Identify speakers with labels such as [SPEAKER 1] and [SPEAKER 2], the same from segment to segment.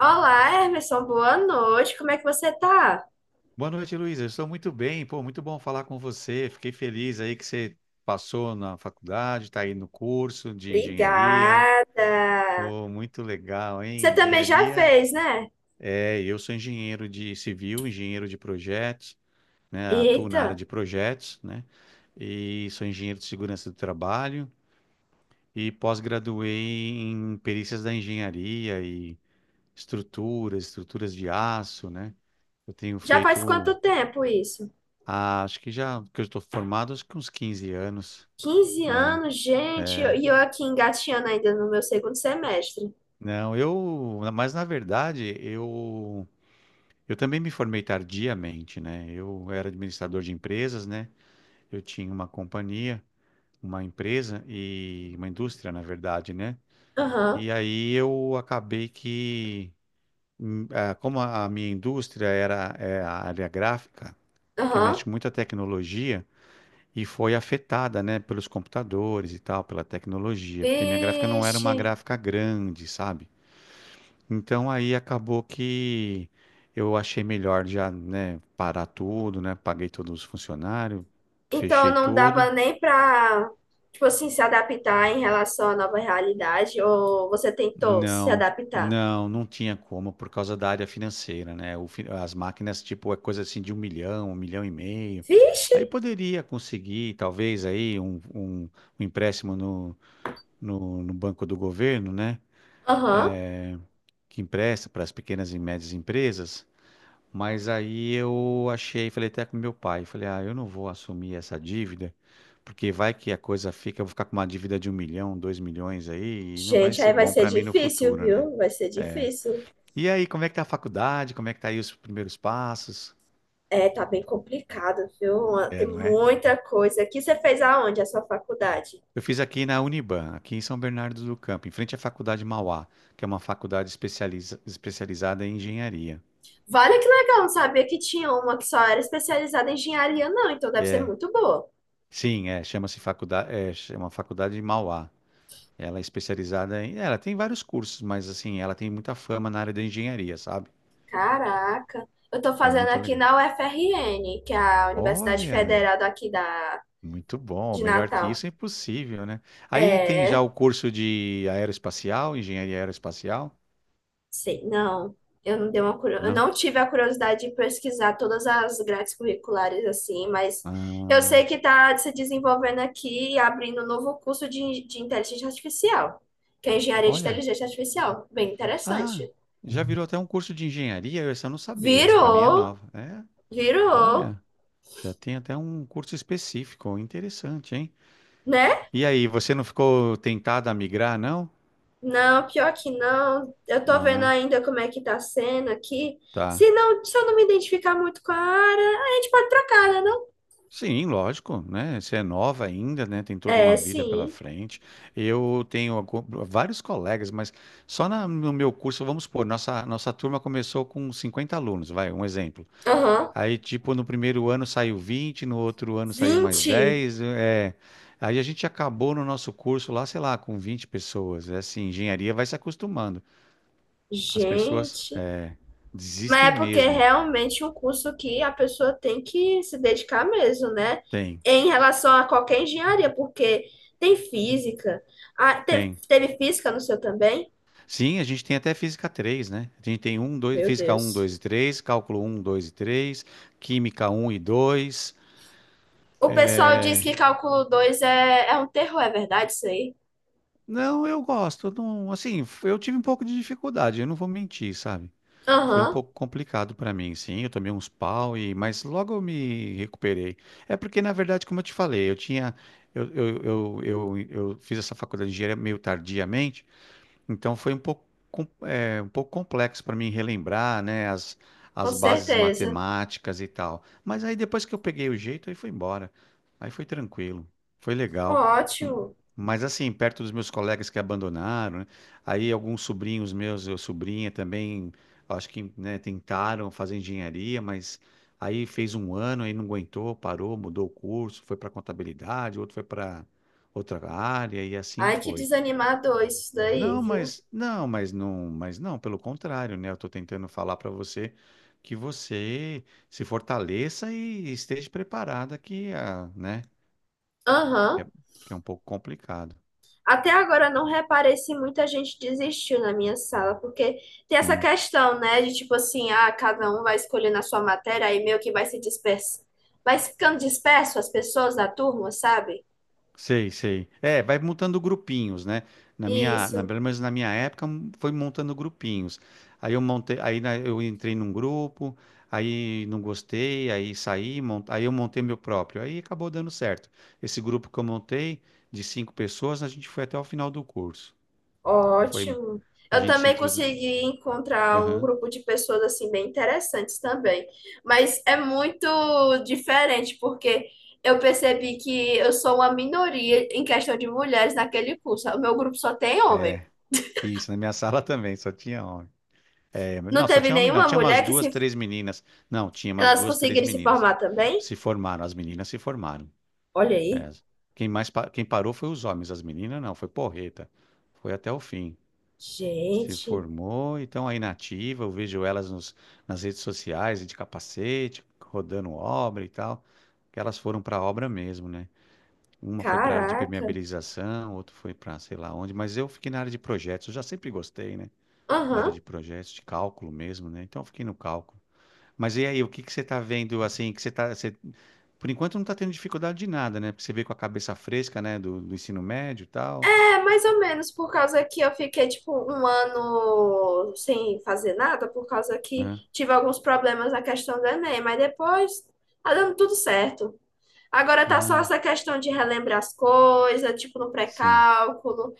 [SPEAKER 1] Olá, Emerson, boa noite. Como é que você tá?
[SPEAKER 2] Boa noite, Luiz. Eu estou muito bem. Pô, muito bom falar com você. Fiquei feliz aí que você passou na faculdade, está aí no curso de engenharia.
[SPEAKER 1] Obrigada.
[SPEAKER 2] Pô, muito legal,
[SPEAKER 1] Você
[SPEAKER 2] hein?
[SPEAKER 1] também já
[SPEAKER 2] Engenharia.
[SPEAKER 1] fez, né?
[SPEAKER 2] É, eu sou engenheiro de civil, engenheiro de projetos, né? Atuo na
[SPEAKER 1] Eita,
[SPEAKER 2] área de projetos, né? E sou engenheiro de segurança do trabalho e pós-graduei em perícias da engenharia e estruturas, estruturas de aço, né? Eu tenho
[SPEAKER 1] já
[SPEAKER 2] feito...
[SPEAKER 1] faz quanto tempo isso?
[SPEAKER 2] Ah, acho que já que eu estou formado, acho que uns 15 anos.
[SPEAKER 1] Quinze
[SPEAKER 2] É.
[SPEAKER 1] anos, gente,
[SPEAKER 2] É.
[SPEAKER 1] e eu aqui engatinhando ainda no meu segundo semestre.
[SPEAKER 2] Não, mas na verdade, eu também me formei tardiamente, né? Eu era administrador de empresas, né? Eu tinha uma companhia, uma empresa e uma indústria, na verdade, né?
[SPEAKER 1] Aham,
[SPEAKER 2] E aí eu acabei que, como a minha indústria era a área gráfica, que
[SPEAKER 1] aham.
[SPEAKER 2] mexe muito a tecnologia, e foi afetada, né, pelos computadores e tal, pela tecnologia, porque minha gráfica não era
[SPEAKER 1] Vixe.
[SPEAKER 2] uma gráfica grande, sabe? Então aí acabou que eu achei melhor já, né, parar tudo, né? Paguei todos os funcionários,
[SPEAKER 1] Então
[SPEAKER 2] fechei
[SPEAKER 1] não dava
[SPEAKER 2] tudo.
[SPEAKER 1] nem pra, tipo assim, se adaptar em relação à nova realidade, ou você tentou se
[SPEAKER 2] Não,
[SPEAKER 1] adaptar?
[SPEAKER 2] não, não tinha como por causa da área financeira, né? As máquinas, tipo, é coisa assim de um milhão e meio.
[SPEAKER 1] Vixe.
[SPEAKER 2] Aí poderia conseguir, talvez, aí um empréstimo no banco do governo, né?
[SPEAKER 1] Aham.
[SPEAKER 2] Que empresta para as pequenas e médias empresas, mas aí eu achei, falei até com meu pai, falei, ah, eu não vou assumir essa dívida, porque vai que a coisa fica, eu vou ficar com uma dívida de um milhão, dois milhões aí, e não vai
[SPEAKER 1] Gente,
[SPEAKER 2] ser
[SPEAKER 1] aí vai
[SPEAKER 2] bom
[SPEAKER 1] ser
[SPEAKER 2] para mim no
[SPEAKER 1] difícil,
[SPEAKER 2] futuro, né?
[SPEAKER 1] viu? Vai ser
[SPEAKER 2] É.
[SPEAKER 1] difícil.
[SPEAKER 2] E aí, como é que tá a faculdade? Como é que tá aí os primeiros passos?
[SPEAKER 1] É, tá bem complicado, viu? Tem
[SPEAKER 2] É, não é?
[SPEAKER 1] muita coisa. Aqui você fez aonde a sua faculdade?
[SPEAKER 2] Eu fiz aqui na Uniban, aqui em São Bernardo do Campo, em frente à Faculdade Mauá, que é uma faculdade especializada em engenharia.
[SPEAKER 1] Vale que legal, não sabia que tinha uma que só era especializada em engenharia, não, então deve ser muito boa.
[SPEAKER 2] Sim, é, chama-se faculdade, chama Faculdade de Mauá. Ela é ela tem vários cursos, mas assim, ela tem muita fama na área da engenharia, sabe?
[SPEAKER 1] Caraca. Eu tô
[SPEAKER 2] É
[SPEAKER 1] fazendo
[SPEAKER 2] muito
[SPEAKER 1] aqui
[SPEAKER 2] legal.
[SPEAKER 1] na UFRN, que é a Universidade
[SPEAKER 2] Olha,
[SPEAKER 1] Federal daqui da,
[SPEAKER 2] muito bom.
[SPEAKER 1] de
[SPEAKER 2] Melhor que
[SPEAKER 1] Natal.
[SPEAKER 2] isso é impossível, né? Aí tem já
[SPEAKER 1] É.
[SPEAKER 2] o curso de aeroespacial, engenharia aeroespacial?
[SPEAKER 1] Sei, não. Eu não dei uma, eu
[SPEAKER 2] Não.
[SPEAKER 1] não tive a curiosidade de pesquisar todas as grades curriculares assim, mas eu
[SPEAKER 2] Ah,
[SPEAKER 1] sei que está se desenvolvendo aqui e abrindo um novo curso de inteligência artificial, que é engenharia de
[SPEAKER 2] olha.
[SPEAKER 1] inteligência artificial. Bem
[SPEAKER 2] Ah,
[SPEAKER 1] interessante.
[SPEAKER 2] já virou até um curso de engenharia, eu essa eu não sabia. Essa para mim é
[SPEAKER 1] Virou,
[SPEAKER 2] nova. É,
[SPEAKER 1] virou,
[SPEAKER 2] olha, já tem até um curso específico, interessante, hein?
[SPEAKER 1] né?
[SPEAKER 2] E aí, você não ficou tentada a migrar, não?
[SPEAKER 1] Não, pior que não. Eu tô
[SPEAKER 2] Não,
[SPEAKER 1] vendo
[SPEAKER 2] né?
[SPEAKER 1] ainda como é que tá sendo aqui. Se
[SPEAKER 2] Tá.
[SPEAKER 1] não, se eu não me identificar muito com a área, a gente pode trocar, né, não?
[SPEAKER 2] Sim, lógico, né? Você é nova ainda, né? Tem toda
[SPEAKER 1] É,
[SPEAKER 2] uma vida pela
[SPEAKER 1] sim.
[SPEAKER 2] frente. Eu tenho algu- Vários colegas, mas só no meu curso, vamos supor, nossa, nossa turma começou com 50 alunos, vai, um exemplo.
[SPEAKER 1] Aham.
[SPEAKER 2] Aí, tipo, no primeiro ano saiu vinte, no outro ano saiu mais
[SPEAKER 1] 20.
[SPEAKER 2] dez, aí a gente acabou no nosso curso lá, sei lá, com 20 pessoas. É assim, engenharia vai se acostumando. As pessoas
[SPEAKER 1] Gente,
[SPEAKER 2] desistem
[SPEAKER 1] mas é porque realmente
[SPEAKER 2] mesmo.
[SPEAKER 1] é realmente um curso que a pessoa tem que se dedicar mesmo, né?
[SPEAKER 2] Tem.
[SPEAKER 1] Em relação a qualquer engenharia, porque tem física. Ah, teve,
[SPEAKER 2] Tem.
[SPEAKER 1] teve física no seu também?
[SPEAKER 2] Sim, a gente tem até física três, né? A gente tem um, dois,
[SPEAKER 1] Meu
[SPEAKER 2] física um,
[SPEAKER 1] Deus.
[SPEAKER 2] 2 e 3, cálculo um, 2 e 3, química um e dois.
[SPEAKER 1] O pessoal diz que cálculo 2 é um terror, é verdade isso aí?
[SPEAKER 2] Não, eu gosto. Eu Não, assim, eu tive um pouco de dificuldade, eu não vou mentir, sabe? Foi um
[SPEAKER 1] Aham,
[SPEAKER 2] pouco complicado para mim, sim. Eu tomei uns pau e, mas logo eu me recuperei. É porque, na verdade, como eu te falei, eu, eu, eu, eu, eu fiz essa faculdade de engenharia meio tardiamente. Então foi um pouco, um pouco complexo para mim relembrar, né,
[SPEAKER 1] com
[SPEAKER 2] as bases
[SPEAKER 1] certeza.
[SPEAKER 2] matemáticas e tal. Mas aí depois que eu peguei o jeito, aí foi embora. Aí foi tranquilo, foi legal. M-
[SPEAKER 1] Ótimo.
[SPEAKER 2] Mas assim, perto dos meus colegas que abandonaram, né, aí alguns sobrinhos meus, eu sobrinha também, acho que, né, tentaram fazer engenharia, mas aí fez um ano, aí não aguentou, parou, mudou o curso, foi para contabilidade, outro foi para outra área e assim
[SPEAKER 1] Ai, que
[SPEAKER 2] foi.
[SPEAKER 1] desanimador isso daí,
[SPEAKER 2] Não,
[SPEAKER 1] viu?
[SPEAKER 2] mas não, mas não, mas não, pelo contrário, né? Eu tô tentando falar para você que você se fortaleça e esteja preparada que, ah, né, que é,
[SPEAKER 1] Aham.
[SPEAKER 2] que é um pouco complicado.
[SPEAKER 1] Até agora eu não reparei se muita gente desistiu na minha sala, porque tem essa
[SPEAKER 2] Sim.
[SPEAKER 1] questão, né, de tipo assim, ah, cada um vai escolhendo a sua matéria, aí meio que vai se disperso, vai ficando disperso as pessoas da turma, sabe?
[SPEAKER 2] Sei, sei. É, vai montando grupinhos, né?
[SPEAKER 1] Isso,
[SPEAKER 2] Pelo menos na minha época, foi montando grupinhos. Aí eu montei, eu entrei num grupo, aí não gostei, aí saí, aí eu montei meu próprio. Aí acabou dando certo. Esse grupo que eu montei, de cinco pessoas, a gente foi até o final do curso. Foi,
[SPEAKER 1] ótimo.
[SPEAKER 2] a
[SPEAKER 1] Eu
[SPEAKER 2] gente se
[SPEAKER 1] também
[SPEAKER 2] introduziu.
[SPEAKER 1] consegui encontrar um
[SPEAKER 2] Aham.
[SPEAKER 1] grupo de pessoas assim bem interessantes também, mas é muito diferente porque eu percebi que eu sou uma minoria em questão de mulheres naquele curso. O meu grupo só tem homens.
[SPEAKER 2] Isso, na minha sala também, só tinha homem. É, mas
[SPEAKER 1] Não
[SPEAKER 2] não, só
[SPEAKER 1] teve
[SPEAKER 2] tinha homem, não.
[SPEAKER 1] nenhuma
[SPEAKER 2] Tinha umas
[SPEAKER 1] mulher que
[SPEAKER 2] duas,
[SPEAKER 1] se,
[SPEAKER 2] três meninas. Não, tinha umas
[SPEAKER 1] elas
[SPEAKER 2] duas, três
[SPEAKER 1] conseguiram se
[SPEAKER 2] meninas.
[SPEAKER 1] formar também?
[SPEAKER 2] Se formaram, as meninas se formaram.
[SPEAKER 1] Olha aí.
[SPEAKER 2] É. Quem parou foi os homens, as meninas não, foi porreta. Foi até o fim. Se
[SPEAKER 1] Gente,
[SPEAKER 2] formou e estão aí na ativa. Eu vejo elas nas redes sociais de capacete, rodando obra e tal. Que elas foram para a obra mesmo, né? Uma foi para a área de
[SPEAKER 1] caraca.
[SPEAKER 2] permeabilização, outra foi para sei lá onde, mas eu fiquei na área de projetos. Eu já sempre gostei, né? Da área de
[SPEAKER 1] Aham.
[SPEAKER 2] projetos, de cálculo mesmo, né? Então eu fiquei no cálculo. Mas e aí, o que que você está vendo assim, que você tá, você por enquanto não está tendo dificuldade de nada, né? Porque você veio com a cabeça fresca, né? Do ensino médio e tal.
[SPEAKER 1] É, mais ou menos, por causa que eu fiquei, tipo, um ano sem fazer nada, por causa que
[SPEAKER 2] Aham,
[SPEAKER 1] tive alguns problemas na questão do Enem, mas depois tá dando tudo certo. Agora tá só
[SPEAKER 2] aham,
[SPEAKER 1] essa questão de relembrar as coisas, tipo, no
[SPEAKER 2] sim,
[SPEAKER 1] pré-cálculo,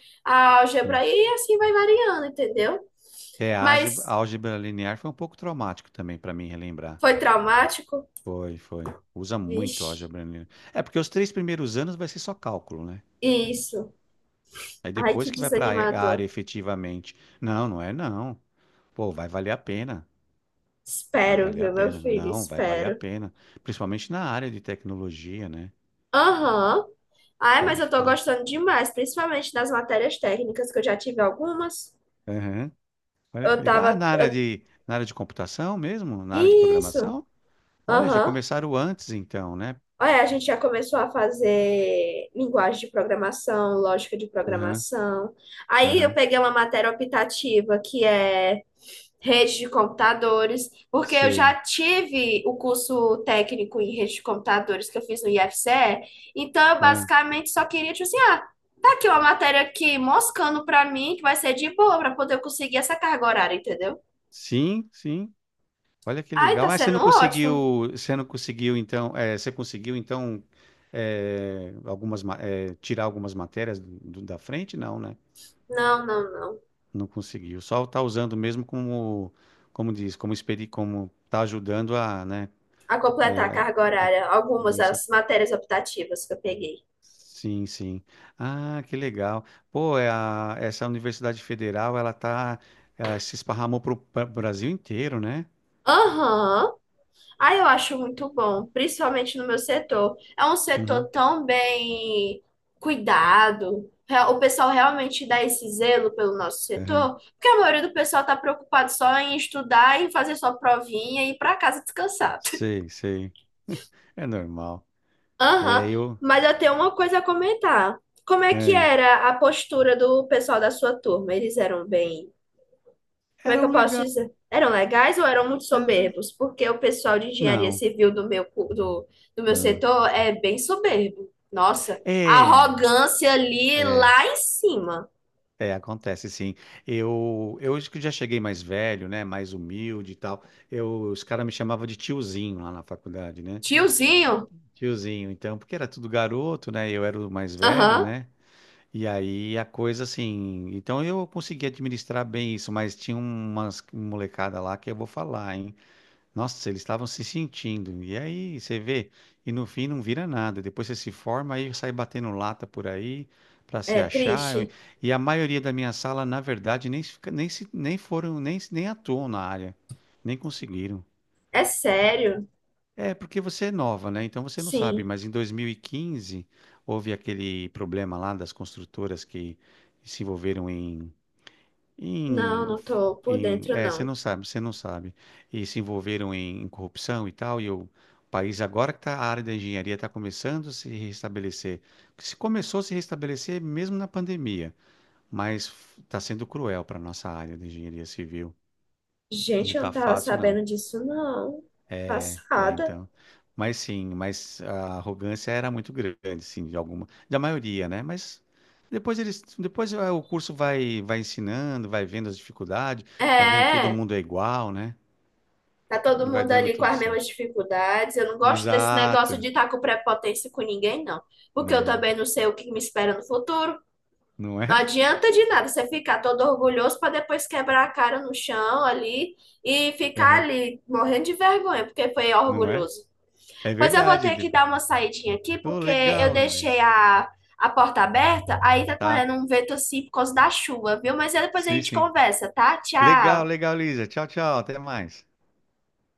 [SPEAKER 2] sim.
[SPEAKER 1] álgebra, e assim vai variando, entendeu?
[SPEAKER 2] É, a
[SPEAKER 1] Mas
[SPEAKER 2] álgebra linear foi um pouco traumático também para mim relembrar.
[SPEAKER 1] foi traumático?
[SPEAKER 2] Foi, foi. Usa muito a
[SPEAKER 1] Vixe,
[SPEAKER 2] álgebra linear. É porque os três primeiros anos vai ser só cálculo, né?
[SPEAKER 1] isso.
[SPEAKER 2] Aí
[SPEAKER 1] Ai,
[SPEAKER 2] depois
[SPEAKER 1] que
[SPEAKER 2] que vai para a área
[SPEAKER 1] desanimador.
[SPEAKER 2] efetivamente. Não, não é não. Pô, vai valer a pena. Vai
[SPEAKER 1] Espero,
[SPEAKER 2] valer a
[SPEAKER 1] viu, meu
[SPEAKER 2] pena.
[SPEAKER 1] filho?
[SPEAKER 2] Não, vai valer a
[SPEAKER 1] Espero.
[SPEAKER 2] pena. Principalmente na área de tecnologia, né?
[SPEAKER 1] Aham. Ai, mas
[SPEAKER 2] Pode
[SPEAKER 1] eu tô
[SPEAKER 2] ficar.
[SPEAKER 1] gostando demais, principalmente das matérias técnicas, que eu já tive algumas.
[SPEAKER 2] Olha que
[SPEAKER 1] Eu
[SPEAKER 2] legal. Ah,
[SPEAKER 1] tava. eu-
[SPEAKER 2] na área de computação mesmo? Na área de
[SPEAKER 1] Isso.
[SPEAKER 2] programação? Olha, já
[SPEAKER 1] Aham.
[SPEAKER 2] começaram antes então, né?
[SPEAKER 1] Ah, é, a gente já começou a fazer linguagem de programação, lógica de
[SPEAKER 2] Aham,
[SPEAKER 1] programação. Aí eu
[SPEAKER 2] aham,
[SPEAKER 1] peguei uma matéria optativa que é rede de computadores, porque eu já
[SPEAKER 2] sei.
[SPEAKER 1] tive o curso técnico em rede de computadores que eu fiz no IFCE, então eu
[SPEAKER 2] Ah,
[SPEAKER 1] basicamente só queria, tipo assim, ah, tá aqui uma matéria aqui moscando pra mim, que vai ser de boa pra poder eu conseguir essa carga horária, entendeu?
[SPEAKER 2] sim, sim. Olha que
[SPEAKER 1] Ai,
[SPEAKER 2] legal.
[SPEAKER 1] tá
[SPEAKER 2] Mas
[SPEAKER 1] sendo ótimo.
[SPEAKER 2] você não conseguiu então, você conseguiu então tirar algumas matérias da frente? Não, né?
[SPEAKER 1] Não, não, não.
[SPEAKER 2] Não conseguiu. Só está usando mesmo como diz, como está ajudando a, né,
[SPEAKER 1] A completar a carga
[SPEAKER 2] a,
[SPEAKER 1] horária algumas
[SPEAKER 2] isso,
[SPEAKER 1] das matérias optativas que eu peguei.
[SPEAKER 2] sim, sim. Ah, que legal. Pô, essa Universidade Federal, ela tá, ela se esparramou pro Brasil inteiro, né?
[SPEAKER 1] Aham. Aí eu acho muito bom, principalmente no meu setor. É um setor
[SPEAKER 2] Uhum,
[SPEAKER 1] tão bem cuidado. O pessoal realmente dá esse zelo pelo nosso
[SPEAKER 2] uhum.
[SPEAKER 1] setor, porque a maioria do pessoal está preocupado só em estudar, em fazer sua provinha e ir para casa descansar.
[SPEAKER 2] Sei, sei. É normal.
[SPEAKER 1] Aham.
[SPEAKER 2] É, eu.
[SPEAKER 1] Mas eu tenho uma coisa a comentar. Como é que
[SPEAKER 2] É.
[SPEAKER 1] era a postura do pessoal da sua turma? Eles eram bem como é
[SPEAKER 2] Era
[SPEAKER 1] que eu
[SPEAKER 2] um
[SPEAKER 1] posso
[SPEAKER 2] legal.
[SPEAKER 1] dizer? Eram legais ou eram muito
[SPEAKER 2] era-
[SPEAKER 1] soberbos? Porque o pessoal de engenharia
[SPEAKER 2] Não.
[SPEAKER 1] civil do do meu
[SPEAKER 2] Ah.
[SPEAKER 1] setor é bem soberbo. Nossa, a
[SPEAKER 2] É,
[SPEAKER 1] arrogância ali
[SPEAKER 2] é,
[SPEAKER 1] lá em cima.
[SPEAKER 2] é, acontece sim. Eu acho que já cheguei mais velho, né? Mais humilde e tal. Eu, os caras me chamavam de tiozinho lá na faculdade, né?
[SPEAKER 1] Tiozinho?
[SPEAKER 2] Tiozinho, então, porque era tudo garoto, né? Eu era o mais velho,
[SPEAKER 1] Aham.
[SPEAKER 2] né? E aí a coisa assim. Então eu consegui administrar bem isso, mas tinha umas molecada lá que eu vou falar, hein? Nossa, eles estavam se sentindo. E aí você vê, e no fim não vira nada. Depois você se forma, aí sai batendo lata por aí pra se
[SPEAKER 1] É triste.
[SPEAKER 2] achar. E a maioria da minha sala, na verdade, nem foram, nem atuam na área, nem conseguiram.
[SPEAKER 1] É sério?
[SPEAKER 2] É, porque você é nova, né? Então você não sabe,
[SPEAKER 1] Sim.
[SPEAKER 2] mas em 2015 houve aquele problema lá das construtoras que se envolveram
[SPEAKER 1] Não,
[SPEAKER 2] em,
[SPEAKER 1] não tô por dentro, não.
[SPEAKER 2] você não sabe, e se envolveram em, em corrupção e tal, e o país agora que tá, a área da engenharia está começando a se restabelecer. Porque se começou a se restabelecer mesmo na pandemia, mas está sendo cruel para a nossa área da engenharia civil, não
[SPEAKER 1] Gente, eu não
[SPEAKER 2] está
[SPEAKER 1] tava
[SPEAKER 2] fácil não.
[SPEAKER 1] sabendo disso, não.
[SPEAKER 2] É,
[SPEAKER 1] Passada.
[SPEAKER 2] então. Mas sim, mas a arrogância era muito grande, sim, de alguma, da maioria, né? Mas depois eles, depois ah, o curso vai, vai ensinando, vai vendo as dificuldades, vai vendo todo
[SPEAKER 1] É.
[SPEAKER 2] mundo é igual, né?
[SPEAKER 1] Tá todo
[SPEAKER 2] E vai
[SPEAKER 1] mundo
[SPEAKER 2] dando
[SPEAKER 1] ali com
[SPEAKER 2] tudo
[SPEAKER 1] as
[SPEAKER 2] certo.
[SPEAKER 1] mesmas dificuldades. Eu não gosto desse negócio
[SPEAKER 2] Exato.
[SPEAKER 1] de estar com prepotência com ninguém, não. Porque eu
[SPEAKER 2] Não,
[SPEAKER 1] também não sei o que me espera no futuro.
[SPEAKER 2] não
[SPEAKER 1] Não
[SPEAKER 2] é?
[SPEAKER 1] adianta de nada você ficar todo orgulhoso para depois quebrar a cara no chão ali e ficar
[SPEAKER 2] Uhum.
[SPEAKER 1] ali morrendo de vergonha, porque foi
[SPEAKER 2] Não é?
[SPEAKER 1] orgulhoso.
[SPEAKER 2] É
[SPEAKER 1] Pois eu vou
[SPEAKER 2] verdade.
[SPEAKER 1] ter que
[SPEAKER 2] De-
[SPEAKER 1] dar uma saidinha aqui,
[SPEAKER 2] Oh,
[SPEAKER 1] porque eu
[SPEAKER 2] legal,
[SPEAKER 1] deixei
[SPEAKER 2] Luísa.
[SPEAKER 1] a porta aberta, aí tá
[SPEAKER 2] Tá.
[SPEAKER 1] correndo um vento assim por causa da chuva, viu? Mas aí depois a
[SPEAKER 2] Sim,
[SPEAKER 1] gente
[SPEAKER 2] sim.
[SPEAKER 1] conversa, tá?
[SPEAKER 2] Legal,
[SPEAKER 1] Tchau!
[SPEAKER 2] legal, Luísa. Tchau, tchau. Até mais.